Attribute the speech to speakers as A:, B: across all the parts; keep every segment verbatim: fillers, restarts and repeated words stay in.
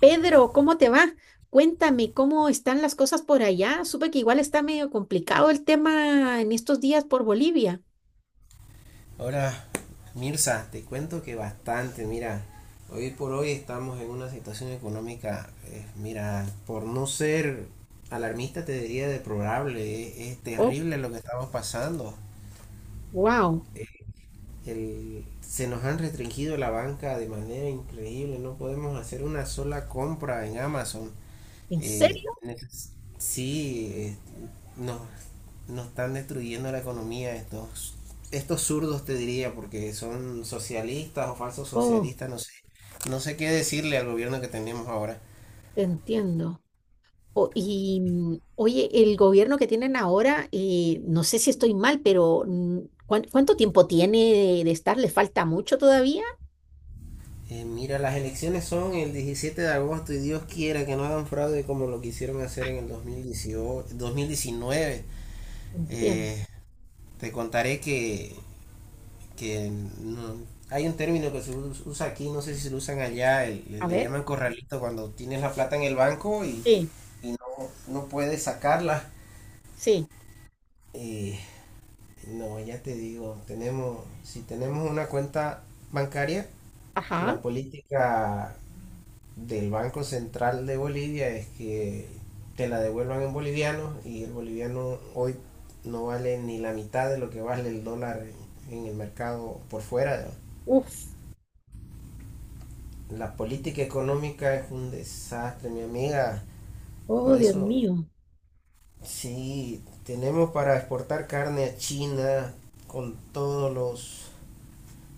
A: Pedro, ¿cómo te va? Cuéntame, ¿cómo están las cosas por allá? Supe que igual está medio complicado el tema en estos días por Bolivia.
B: Ahora, Mirza, te cuento que bastante, mira, hoy por hoy estamos en una situación económica, eh, mira, por no ser alarmista te diría deplorable, es, es
A: Oh,
B: terrible lo que estamos pasando.
A: wow.
B: El- se nos han restringido la banca de manera increíble, no podemos hacer una sola compra en Amazon.
A: ¿En
B: Eh,
A: serio?
B: neces- sí, eh, nos, nos están destruyendo la economía estos, estos zurdos, te diría, porque son socialistas o falsos
A: Oh,
B: socialistas, no sé. No sé qué decirle al gobierno que tenemos ahora.
A: te entiendo. O- y mm, oye, el gobierno que tienen ahora, eh, no sé si estoy mal, pero mm, ¿cuán- ¿cuánto tiempo tiene de, de estar? ¿Le falta mucho todavía?
B: Eh, mira, las elecciones son el diecisiete de agosto y Dios quiera que no hagan fraude como lo quisieron hacer en el dos mil dieciocho, dos mil diecinueve.
A: Entiendo.
B: Eh, Te contaré que que no, hay un término que se us- usa aquí, no sé si se lo usan allá, el- le,
A: A
B: le
A: ver.
B: llaman corralito cuando tienes la plata en el banco y,
A: Sí,
B: y no, no puedes sacarla.
A: sí.
B: Eh, no, ya te digo, tenemos, si tenemos una cuenta bancaria, la
A: Ajá.
B: política del Banco Central de Bolivia es que te la devuelvan en boliviano y el boliviano hoy no vale ni la mitad de lo que vale el dólar en, en el mercado por fuera. ¿no?
A: Uf.
B: La política económica es un desastre, mi amiga. Por
A: Oh, Dios
B: eso,
A: mío.
B: sí, tenemos para exportar carne a China con todos los,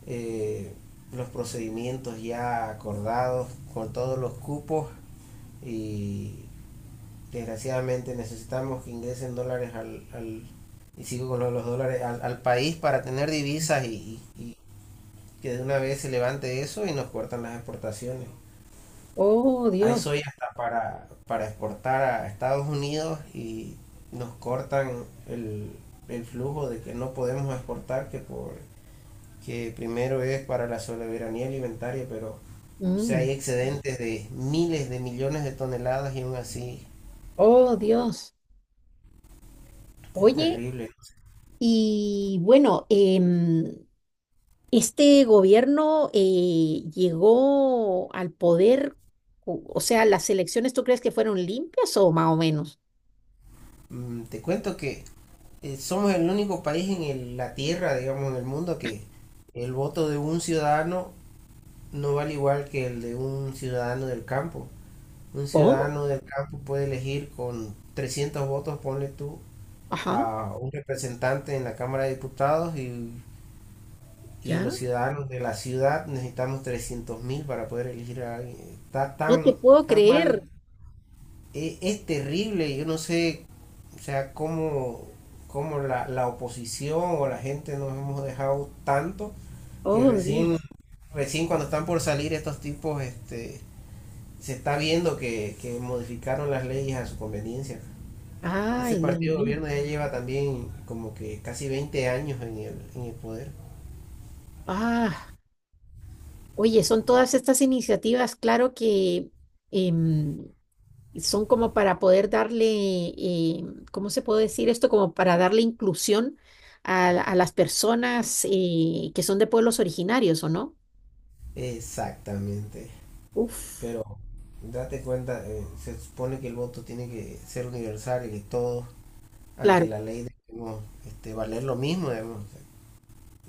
B: eh, los procedimientos ya acordados, con todos los cupos y desgraciadamente necesitamos que ingresen dólares al, al y sigo con los dólares al, al país para tener divisas y, y, y que de una vez se levante eso y nos cortan las exportaciones.
A: Oh,
B: Hay
A: Dios.
B: soya hasta para, para exportar a Estados Unidos y nos cortan el, el flujo de que no podemos exportar, que, por, que primero es para la soberanía alimentaria, pero o sea,
A: Mm.
B: hay excedentes de miles de millones de toneladas y aún así
A: Oh, Dios.
B: es
A: Oye,
B: terrible.
A: y bueno, em, este gobierno eh, llegó al poder, o, o sea, las elecciones, ¿tú crees que fueron limpias o más o menos?
B: ¿No? Mm, te cuento que eh, somos el único país en el- la Tierra, digamos, en el mundo que el voto de un ciudadano no vale igual que el de un ciudadano del campo. Un
A: ¿Cómo?
B: ciudadano del campo puede elegir con trescientos votos, ponle tú,
A: Ajá,
B: a un representante en la Cámara de Diputados y, y los
A: ya.
B: ciudadanos de la ciudad necesitamos trescientos mil para poder elegir a alguien. Está
A: No te
B: tan,
A: puedo
B: tan
A: creer.
B: mal, es, es terrible, yo no sé, o sea, cómo, cómo la, la oposición o la gente nos hemos dejado tanto que
A: Oh,
B: recién,
A: Dios.
B: recién cuando están por salir estos tipos, este se está viendo que, que modificaron las leyes a su conveniencia. Ese
A: Ay, Dios
B: partido de
A: mío.
B: gobierno ya lleva también como que casi veinte años en el, en el poder.
A: Ah, oye, son todas estas iniciativas, claro que, em, son como para poder darle, eh, ¿cómo se puede decir esto? Como para darle inclusión a, la- a las personas eh, que son de pueblos originarios, ¿o no?
B: Exactamente.
A: Uf,
B: Pero date cuenta, eh, se supone que el voto tiene que ser universal y que todos
A: claro,
B: ante la ley debemos este, valer lo mismo. Digamos. O sea,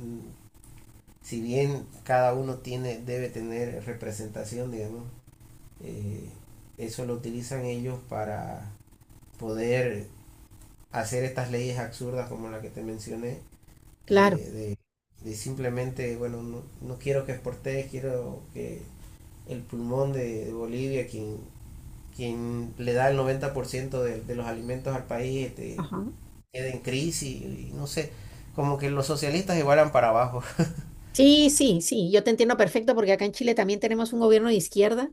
B: mm, si bien cada uno tiene, debe tener representación, digamos, eh, eso lo utilizan ellos para poder hacer estas leyes absurdas como la que te mencioné
A: claro.
B: eh, de, de, simplemente, bueno, no, no quiero que exportes, quiero que el pulmón de, de, Bolivia, quien, quien le da el noventa por ciento de, de los alimentos al país, este,
A: Ajá.
B: quede en crisis, y, no sé, como que los socialistas igualan para abajo,
A: Sí, sí, sí, yo te entiendo perfecto porque acá en Chile también tenemos un gobierno de izquierda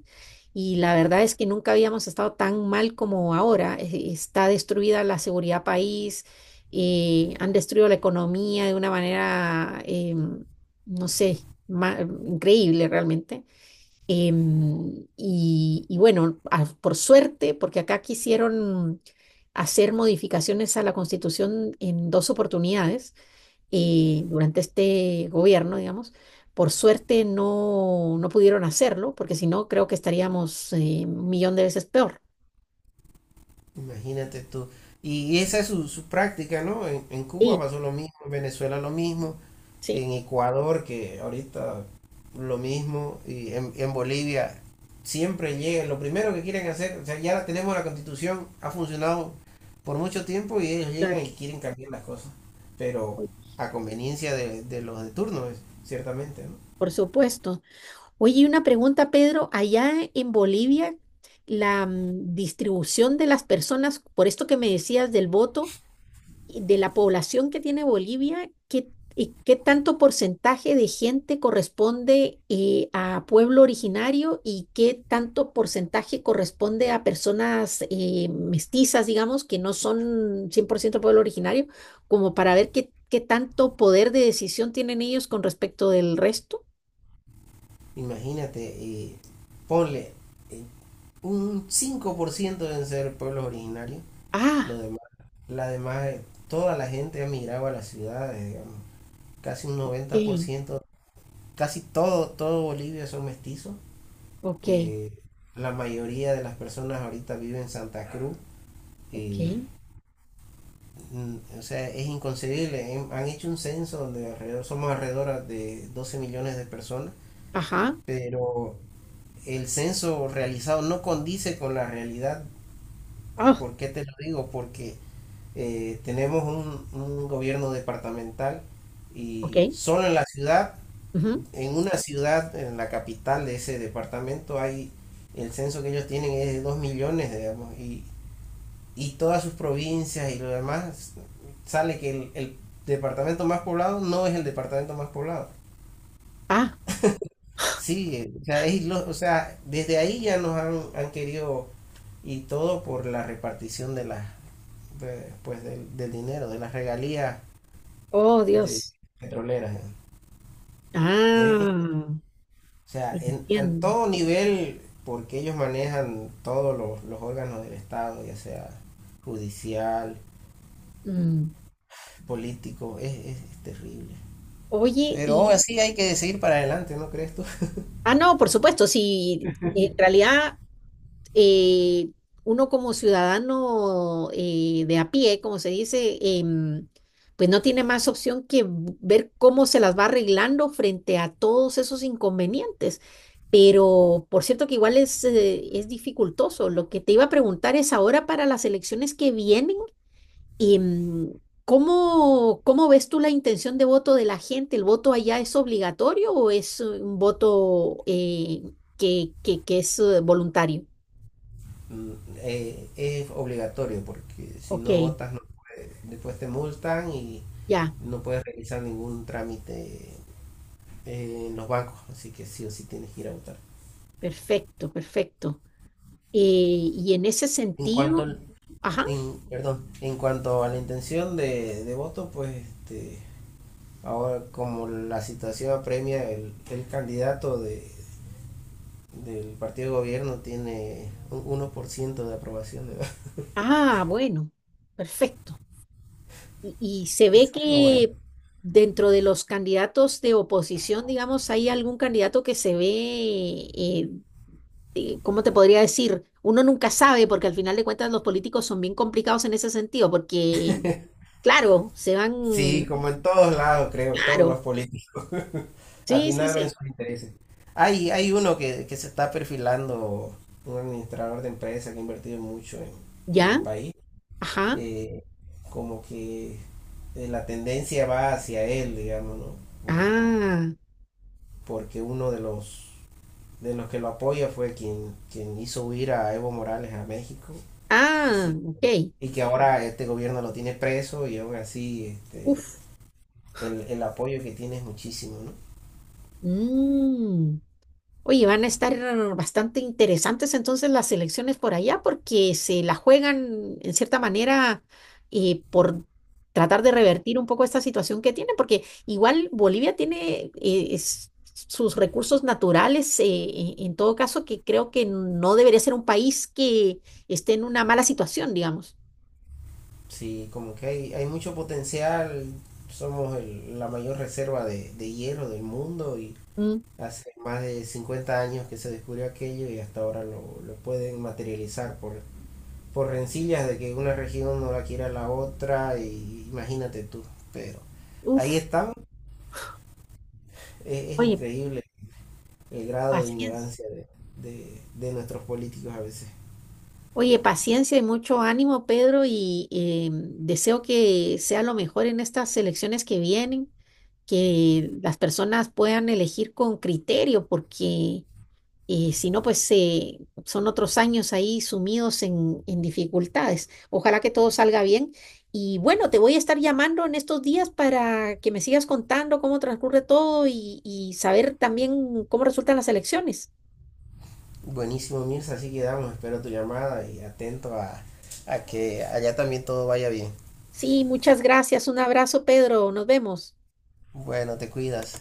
A: y la verdad es que nunca habíamos estado tan mal como ahora. E- Está destruida la seguridad país, eh, han destruido la economía de una manera, em, no sé, ma- increíble realmente. Em, y, y bueno, a- por suerte, porque acá quisieron hacer modificaciones a la Constitución en dos oportunidades y durante este gobierno, digamos, por suerte no, no pudieron hacerlo, porque si no, creo que estaríamos eh, un millón de veces peor.
B: imagínate tú. Y esa es su, su práctica, ¿no? En, en, Cuba
A: Sí,
B: pasó lo mismo, en Venezuela lo mismo,
A: sí,
B: en Ecuador, que ahorita lo mismo, y en, en Bolivia siempre llegan, lo primero que quieren hacer, o sea, ya tenemos la constitución, ha funcionado por mucho tiempo y ellos llegan
A: claro.
B: y quieren cambiar las cosas, pero
A: Oy-
B: a conveniencia de, de los de turno, ciertamente, ¿no?
A: por supuesto. Oye, y una pregunta, Pedro, allá en Bolivia, la mm, distribución de las personas, por esto que me decías del voto, de la población que tiene Bolivia, ¿qué, y qué tanto porcentaje de gente corresponde eh, a pueblo originario y qué tanto porcentaje corresponde a personas eh, mestizas, digamos, que no son cien por ciento pueblo originario, como para ver qué, qué tanto poder de decisión tienen ellos con respecto del resto?
B: Imagínate, eh, ponle eh, un cinco por ciento deben ser pueblos originarios, lo
A: Ah,
B: demás, la demás, eh, toda la gente ha migrado a las ciudades, digamos, casi un noventa por
A: ok,
B: ciento casi todo, todo Bolivia son mestizos.
A: ok,
B: Eh, la mayoría de las personas ahorita viven en Santa Cruz.
A: ok,
B: Y, mm, o sea, es inconcebible. Hem- Han hecho un censo donde alrededor, somos alrededor de doce millones de personas,
A: ajá,
B: pero el censo realizado no condice con la realidad.
A: ah,
B: ¿Por qué te lo digo? Porque eh, tenemos un, un gobierno departamental
A: ok,
B: y solo en la ciudad
A: ujú,
B: en una ciudad, en la capital de ese departamento, hay el censo que ellos tienen es de 2 millones, digamos, y, y todas sus provincias y lo demás, sale que el, el departamento más poblado no es el departamento más poblado.
A: ah,
B: Sí, eh, o sea, es ilo- o sea, desde ahí ya nos han, han querido y todo por la repartición de las de- pues del, del dinero, de las regalías
A: oh
B: de
A: Dios,
B: petroleras. ¿Eh? Es,
A: ah.
B: O sea, en, en
A: Entiendo.
B: todo nivel, porque ellos manejan todos los, los órganos del Estado, ya sea judicial,
A: Mm.
B: político, es, es, es terrible.
A: Oye,
B: Pero aún
A: y.
B: así hay que seguir para adelante, ¿no crees tú?
A: Ah, no, por supuesto, sí, en realidad eh, uno como ciudadano eh, de a pie, como se dice, em, pues no tiene más opción que v- ver cómo se las va arreglando frente a todos esos inconvenientes. Pero por cierto que igual es, eh, es dificultoso. Lo que te iba a preguntar es ahora para las elecciones que vienen. Y, mm, ¿cómo, cómo ves tú la intención de voto de la gente? ¿El voto allá es obligatorio o es eh, un voto eh, que, que- que es eh, voluntario?
B: Mm, eh, es obligatorio porque si
A: Ok,
B: no votas no puedes- después te multan y
A: ya,
B: no puedes realizar ningún trámite eh, en los bancos, así que sí o sí tienes que ir a votar.
A: perfecto, perfecto. Eh, y en ese
B: En cuanto
A: sentido,
B: al-
A: ajá,
B: en, perdón, en cuanto a la intención de, de voto, pues este, Ahora, como la situación apremia, el, el candidato de, del partido de gobierno tiene un uno por ciento de aprobación. ¿Verdad?
A: ah, bueno, perfecto. Y, y se ve
B: Eso. Pero bueno,
A: que dentro de los candidatos de oposición, digamos, hay algún candidato que se ve, eh, eh, ¿cómo te podría decir? Uno nunca sabe, porque al final de cuentas los políticos son bien complicados en ese sentido, porque, claro, se
B: sí,
A: van,
B: como en todos lados, creo, todos los
A: claro,
B: políticos. Al
A: sí, sí,
B: final ven
A: sí,
B: sus intereses. Hay, hay uno que, que se está perfilando, un administrador de empresa que ha invertido mucho en, en el
A: ya,
B: país.
A: ajá,
B: eh, Como que eh, la tendencia va hacia él, digamos, ¿no? Por-
A: ah,
B: Porque uno de los de los que lo apoya fue quien, quien hizo huir a Evo Morales a México.
A: ah,
B: Así.
A: ok,
B: Y que ahora este gobierno lo tiene preso y aún así este,
A: uf,
B: el, el apoyo que tiene es muchísimo, ¿no?
A: mm. Oye, van a estar bastante interesantes entonces las elecciones por allá porque se la juegan en cierta manera eh, por tratar de revertir un poco esta situación que tiene, porque igual Bolivia tiene eh, es- sus recursos naturales, eh, e- en todo caso, que creo que no debería ser un país que esté en una mala situación, digamos.
B: Sí, como que hay, hay mucho potencial, somos el- la mayor reserva de, de hierro del mundo y
A: Mm,
B: hace más de cincuenta años que se descubrió aquello y hasta ahora lo, lo pueden materializar por, por rencillas de que una región no la quiera la otra y imagínate tú, pero ahí
A: uf,
B: estamos. Es, es
A: oye,
B: increíble el grado de
A: paciencia.
B: ignorancia de, de, de nuestros políticos a veces.
A: Oye, paciencia y mucho ánimo, Pedro, y eh, deseo que sea lo mejor en estas elecciones que vienen, que las personas puedan elegir con criterio, porque eh, si no, pues eh, son otros años ahí sumidos en, en dificultades. Ojalá que todo salga bien. Y bueno, te voy a estar llamando en estos días para que me sigas contando cómo transcurre todo y, y saber también cómo resultan las elecciones.
B: Buenísimo, Mirza, así quedamos. Espero tu llamada y atento a, a que allá también todo vaya bien.
A: Sí, muchas gracias. Un abrazo, Pedro. Nos vemos.
B: Bueno, te cuidas.